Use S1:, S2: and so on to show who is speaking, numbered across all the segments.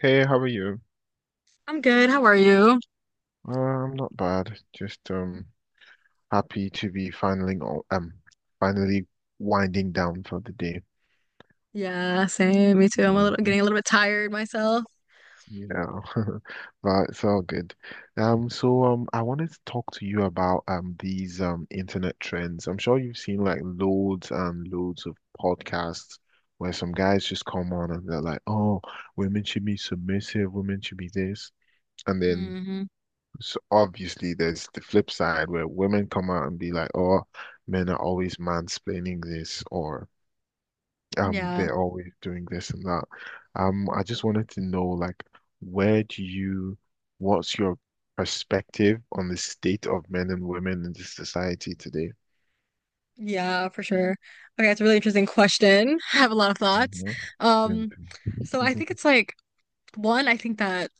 S1: Hey, how are you?
S2: I'm good. How are you?
S1: I'm not bad. Just happy to be finally finally winding down for the day.
S2: Yeah, same. Me too. I'm a little
S1: Yeah.
S2: getting a little bit tired myself.
S1: Yeah. But it's all good. So I wanted to talk to you about these internet trends. I'm sure you've seen like loads and loads of podcasts where some guys just come on and they're like, oh, women should be submissive, women should be this. And then
S2: Hmm.
S1: So obviously, there's the flip side where women come out and be like, "Oh, men are always mansplaining this," or
S2: Yeah.
S1: they're always doing this and that. I just wanted to know, like, where do you, what's your perspective on the state of men and women in this society today?
S2: Yeah, for sure. Okay, it's a really interesting question. I have a lot of thoughts.
S1: Mhm. Mm.
S2: Um, so I think it's like one, I think that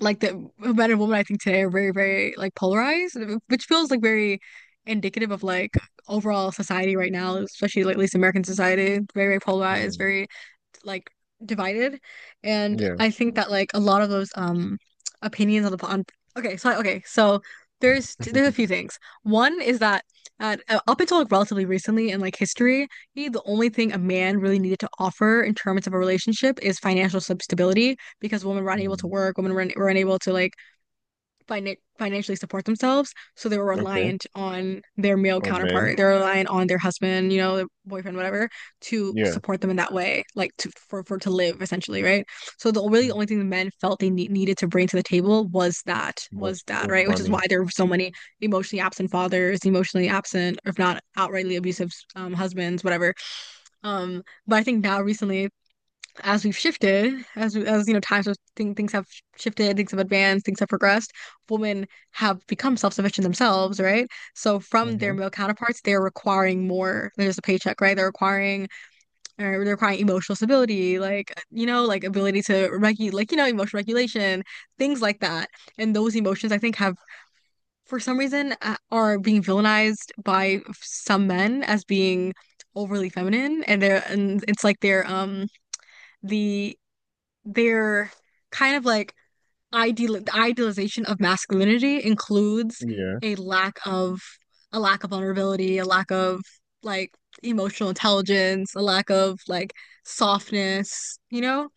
S2: like the men and women I think today are very like polarized, which feels like very indicative of like overall society right now, especially like at least American society, very polarized,
S1: Mm,
S2: very like divided. And
S1: yeah.
S2: I think that like a lot of those opinions on the on okay, so there's a few things. One is that up until like relatively recently in like history really the only thing a man really needed to offer in terms of a relationship is financial stability, because women were unable to
S1: Mm,
S2: work, women were unable to like financially support themselves, so they were
S1: okay.
S2: reliant on their male
S1: On men.
S2: counterpart. They're reliant on their husband, you know, their boyfriend, whatever, to
S1: Yes.
S2: support them in that way, like to for to live essentially, right? So the really
S1: mm,
S2: only thing the men felt they needed to bring to the table was that
S1: Was
S2: was that,
S1: was
S2: right? Which is
S1: money.
S2: why there were so many emotionally absent fathers, emotionally absent, or if not outrightly abusive husbands, whatever. But I think now recently as we've shifted, as you know, times have, things have shifted, things have advanced, things have progressed. Women have become self-sufficient themselves, right? So from their
S1: Mhm.
S2: male counterparts, they're requiring more than just a paycheck, right? Or they're requiring emotional stability, like you know, like ability to regulate, like you know, emotional regulation, things like that. And those emotions, I think, have for some reason are being villainized by some men as being overly feminine, and it's like they're the their kind of like idealization of masculinity includes
S1: Yes.
S2: a lack of, a lack of vulnerability, a lack of like emotional intelligence, a lack of like softness, you know?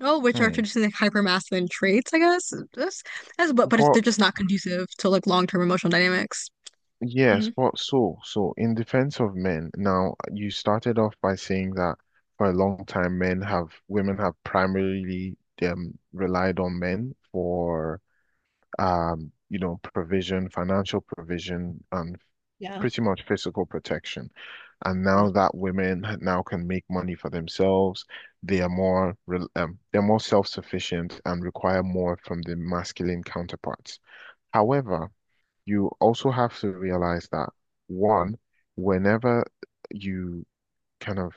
S2: Oh, which are
S1: Hmm.
S2: traditionally like hypermasculine traits, I guess. That's but it's,
S1: But
S2: they're just not conducive to like long-term emotional dynamics.
S1: yes,
S2: Hmm.
S1: but so in defense of men, now you started off by saying that for a long time men have women have primarily relied on men for provision, financial provision, and
S2: Yeah.
S1: pretty much physical protection. And
S2: Yeah.
S1: now that now can make money for themselves, they are they're more self-sufficient and require more from the masculine counterparts. However, you also have to realize that one, whenever you kind of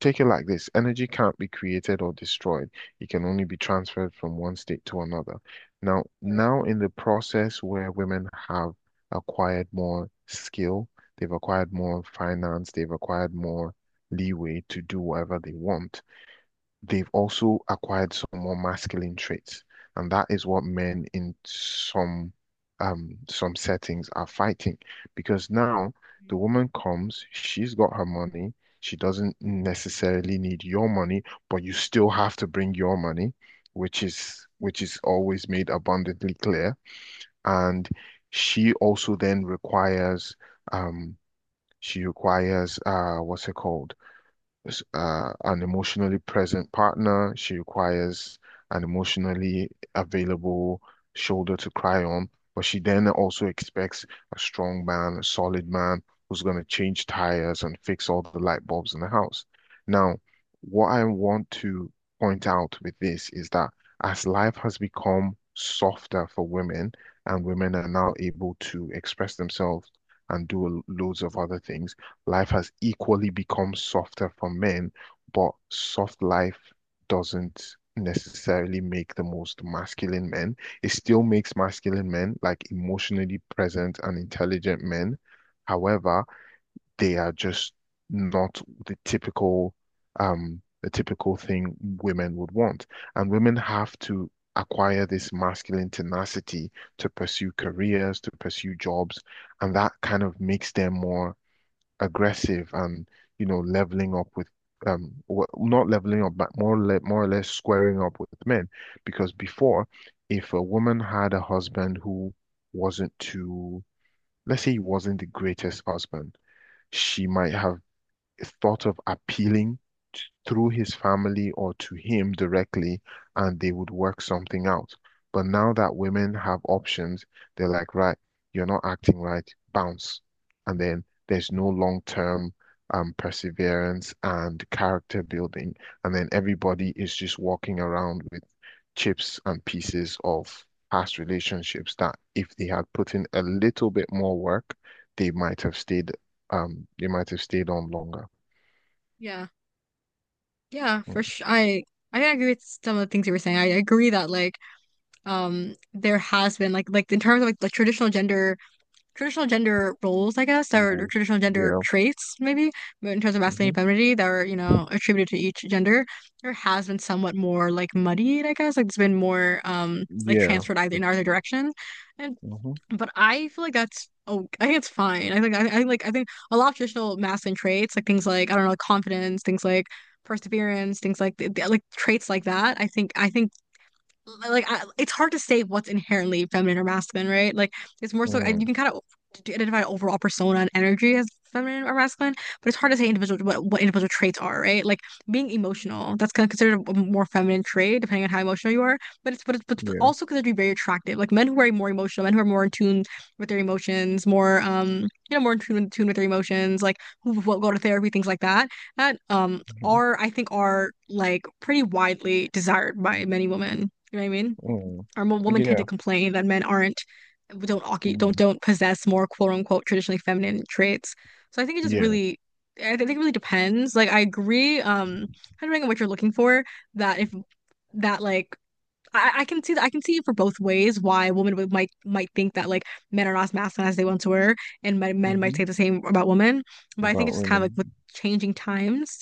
S1: take it like this, energy can't be created or destroyed. It can only be transferred from one state to another. Now,
S2: Right.
S1: now in the process where women have acquired more skill, they've acquired more finance, they've acquired more leeway to do whatever they want. They've also acquired some more masculine traits, and that is what men in some settings are fighting because now the woman comes, she's got her money, she doesn't necessarily need your money, but you still have to bring your money, which is always made abundantly clear, and she also then requires um she requires what's it called? An emotionally present partner. She requires an emotionally available shoulder to cry on, but she then also expects a strong man, a solid man who's going to change tires and fix all the light bulbs in the house. Now, what I want to point out with this is that as life has become softer for women, and women are now able to express themselves and do loads of other things, life has equally become softer for men, but soft life doesn't necessarily make the most masculine men. It still makes masculine men like emotionally present and intelligent men. However, they are just not the typical thing women would want. And women have to acquire this masculine tenacity to pursue careers, to pursue jobs, and that kind of makes them more aggressive and leveling up with not leveling up but more or less squaring up with men because before, if a woman had a husband who, wasn't too let's say, he wasn't the greatest husband, she might have thought of appealing t- through his family or to him directly, and they would work something out. But now that women have options, they're like, right, you're not acting right, bounce. And then there's no long-term perseverance and character building. And then everybody is just walking around with chips and pieces of past relationships that if they had put in a little bit more work, they might have stayed, they might have stayed on longer.
S2: Yeah. Yeah,
S1: Mm,
S2: for sure. I agree with some of the things you were saying. I agree that like there has been like in terms of like traditional gender, traditional gender roles I guess, or
S1: rules.
S2: traditional gender
S1: Yeah.
S2: traits maybe, but in terms of masculinity
S1: Hmm.
S2: and femininity that are you know attributed to each gender, there has been somewhat more like muddied I guess, like it's been more like
S1: Yeah.
S2: transferred either in
S1: It's.
S2: either direction. And
S1: Hmm.
S2: but I feel like that's, oh I think it's fine. I think I like I think a lot of traditional masculine traits, like things like I don't know, like confidence, things like perseverance, things like like traits like that, I think like I, it's hard to say what's inherently feminine or masculine, right? Like it's more so I, you
S1: Mm,
S2: can kind of identify overall persona and energy as feminine or masculine, but it's hard to say individual what individual traits are, right? Like being emotional, that's kind of considered a more feminine trait depending on how emotional you are, but but it's
S1: yeah.
S2: also considered to be very attractive. Like men who are more emotional, men who are more in tune with their emotions, more you know more in tune with their emotions, like who go to therapy, things like that. That
S1: Hmm.
S2: are I think are like pretty widely desired by many women. You know what I mean?
S1: Mm,
S2: Our women tend
S1: yeah.
S2: to complain that men aren't, don't occu-
S1: Mm,
S2: don't possess more quote unquote traditionally feminine traits. So I think it just
S1: yeah.
S2: really, I think it really depends. Like I agree, depending on what you're looking for, that if that like I can see that I can see it for both ways why women would, might think that like men are not as masculine as they once were, and men might
S1: Hmm.
S2: say the same about women. But I think
S1: About
S2: it's just kind of like with
S1: women.
S2: changing times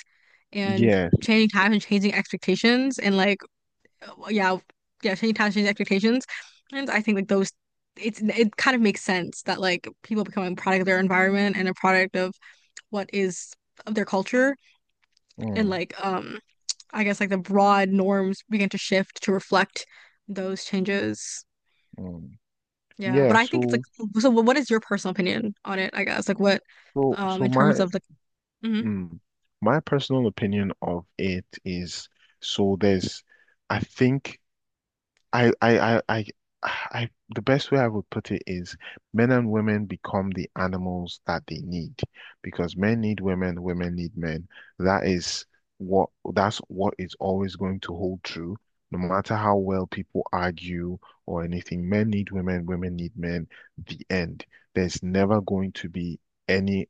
S2: and
S1: Yes.
S2: changing times and changing expectations and like yeah, yeah, change times, change expectations. And I think like those, it's it kind of makes sense that like people become a product of their environment and a product of what is, of their culture and
S1: Mm,
S2: like I guess like the broad norms begin to shift to reflect those changes.
S1: mm.
S2: Yeah,
S1: Yeah.
S2: but I think it's like,
S1: So.
S2: so what is your personal opinion on it, I guess? Like what
S1: So. So
S2: in terms
S1: my.
S2: of like mhm.
S1: Mm, my personal opinion of it is. So there's. I think. I, I, I, I, the best way I would put it is men and women become the animals that they need because men need women, women need men. That is that's what is always going to hold true, no matter how well people argue or anything. Men need women, women need men. The end. There's never going to be any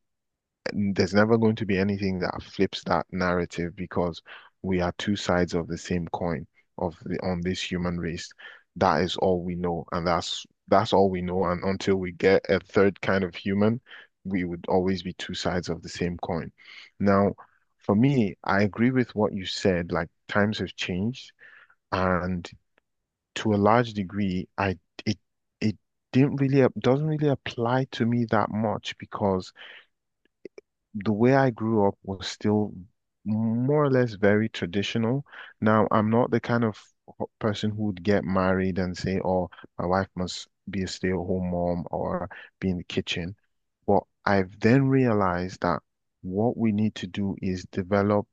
S1: there's never going to be anything that flips that narrative because we are two sides of the same coin of the on this human race. That is all we know, and that's all we know. And until we get a third kind of human, we would always be two sides of the same coin. Now, for me, I agree with what you said. Like times have changed, and to a large degree, I it it didn't really doesn't really apply to me that much because the way I grew up was still more or less very traditional. Now, I'm not the kind of person who would get married and say, oh, my wife must be a stay-at-home mom or be in the kitchen. But I've then realized that what we need to do is develop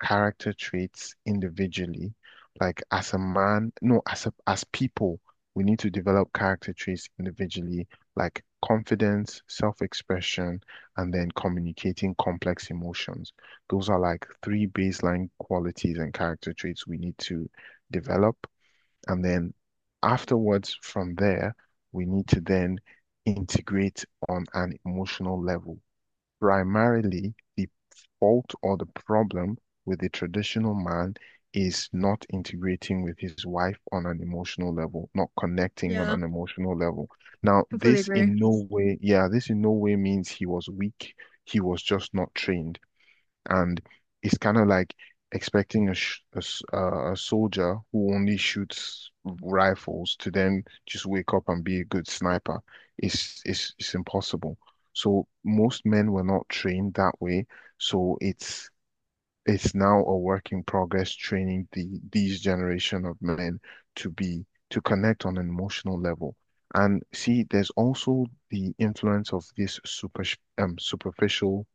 S1: character traits individually. Like as a man, no, as people, we need to develop character traits individually, like confidence, self-expression, and then communicating complex emotions. Those are like three baseline qualities and character traits we need to develop. And then afterwards, from there, we need to then integrate on an emotional level. Primarily, the fault or the problem with the traditional man is not integrating with his wife on an emotional level, not connecting on
S2: Yeah,
S1: an emotional level. Now,
S2: completely
S1: this
S2: agree.
S1: in no way, yeah, this in no way means he was weak. He was just not trained. And it's kind of like expecting a, sh a, s- a soldier who only shoots rifles to then just wake up and be a good sniper. It's impossible. So most men were not trained that way. So it's now a work in progress training these generation of men to connect on an emotional level. And see, there's also the influence of this superficial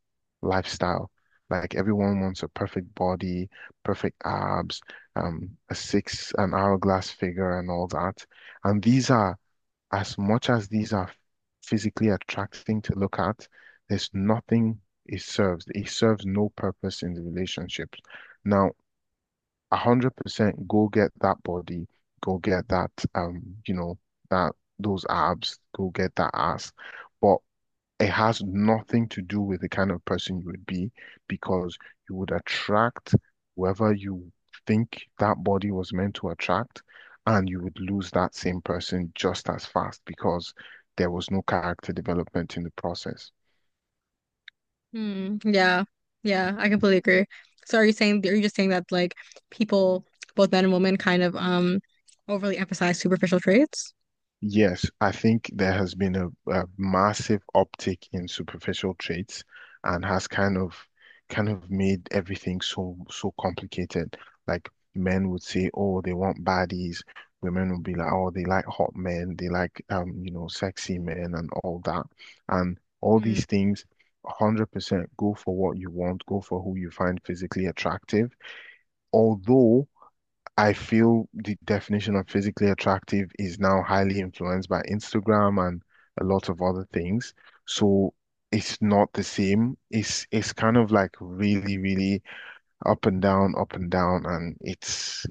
S1: lifestyle. Like everyone wants a perfect body, perfect abs, an hourglass figure, and all that. And these are as much as these are physically attracting to look at, there's nothing it serves. It serves no purpose in the relationship. Now, 100% go get that body, go get that, you know, that those abs, go get that ass. But it has nothing to do with the kind of person you would be because you would attract whoever you think that body was meant to attract, and you would lose that same person just as fast because there was no character development in the process.
S2: Hmm. Yeah. Yeah. I completely agree. So are you just saying that like people, both men and women, kind of overly emphasize superficial traits?
S1: Yes, I think there has been a massive uptick in superficial traits and has kind of made everything so complicated. Like men would say, oh, they want baddies. Women would be like, oh, they like hot men, they like sexy men and all that. And all
S2: Hmm.
S1: these things, 100% go for what you want, go for who you find physically attractive. Although I feel the definition of physically attractive is now highly influenced by Instagram and a lot of other things. So it's not the same. It's kind of like really, really up and down, up and down. And it's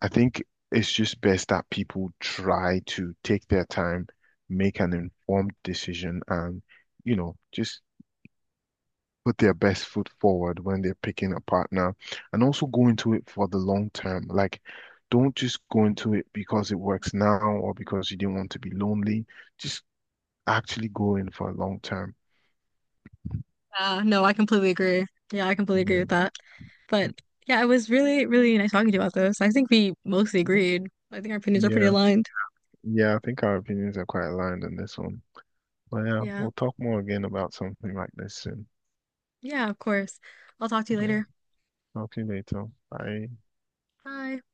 S1: I think it's just best that people try to take their time, make an informed decision and, just put their best foot forward when they're picking a partner and also go into it for the long term. Like, don't just go into it because it works now or because you didn't want to be lonely. Just actually go in for a long term.
S2: No, I completely agree. Yeah, I completely agree
S1: Yeah.
S2: with that. But yeah, it was really nice talking to you about this. I think we mostly
S1: Yeah.
S2: agreed. I think our opinions are pretty
S1: Yeah.
S2: aligned.
S1: Yeah. I think our opinions are quite aligned on this one. But yeah,
S2: Yeah.
S1: we'll talk more again about something like this soon.
S2: Yeah, of course. I'll talk to you
S1: Yeah.
S2: later.
S1: Talk to you later. Bye.
S2: Bye.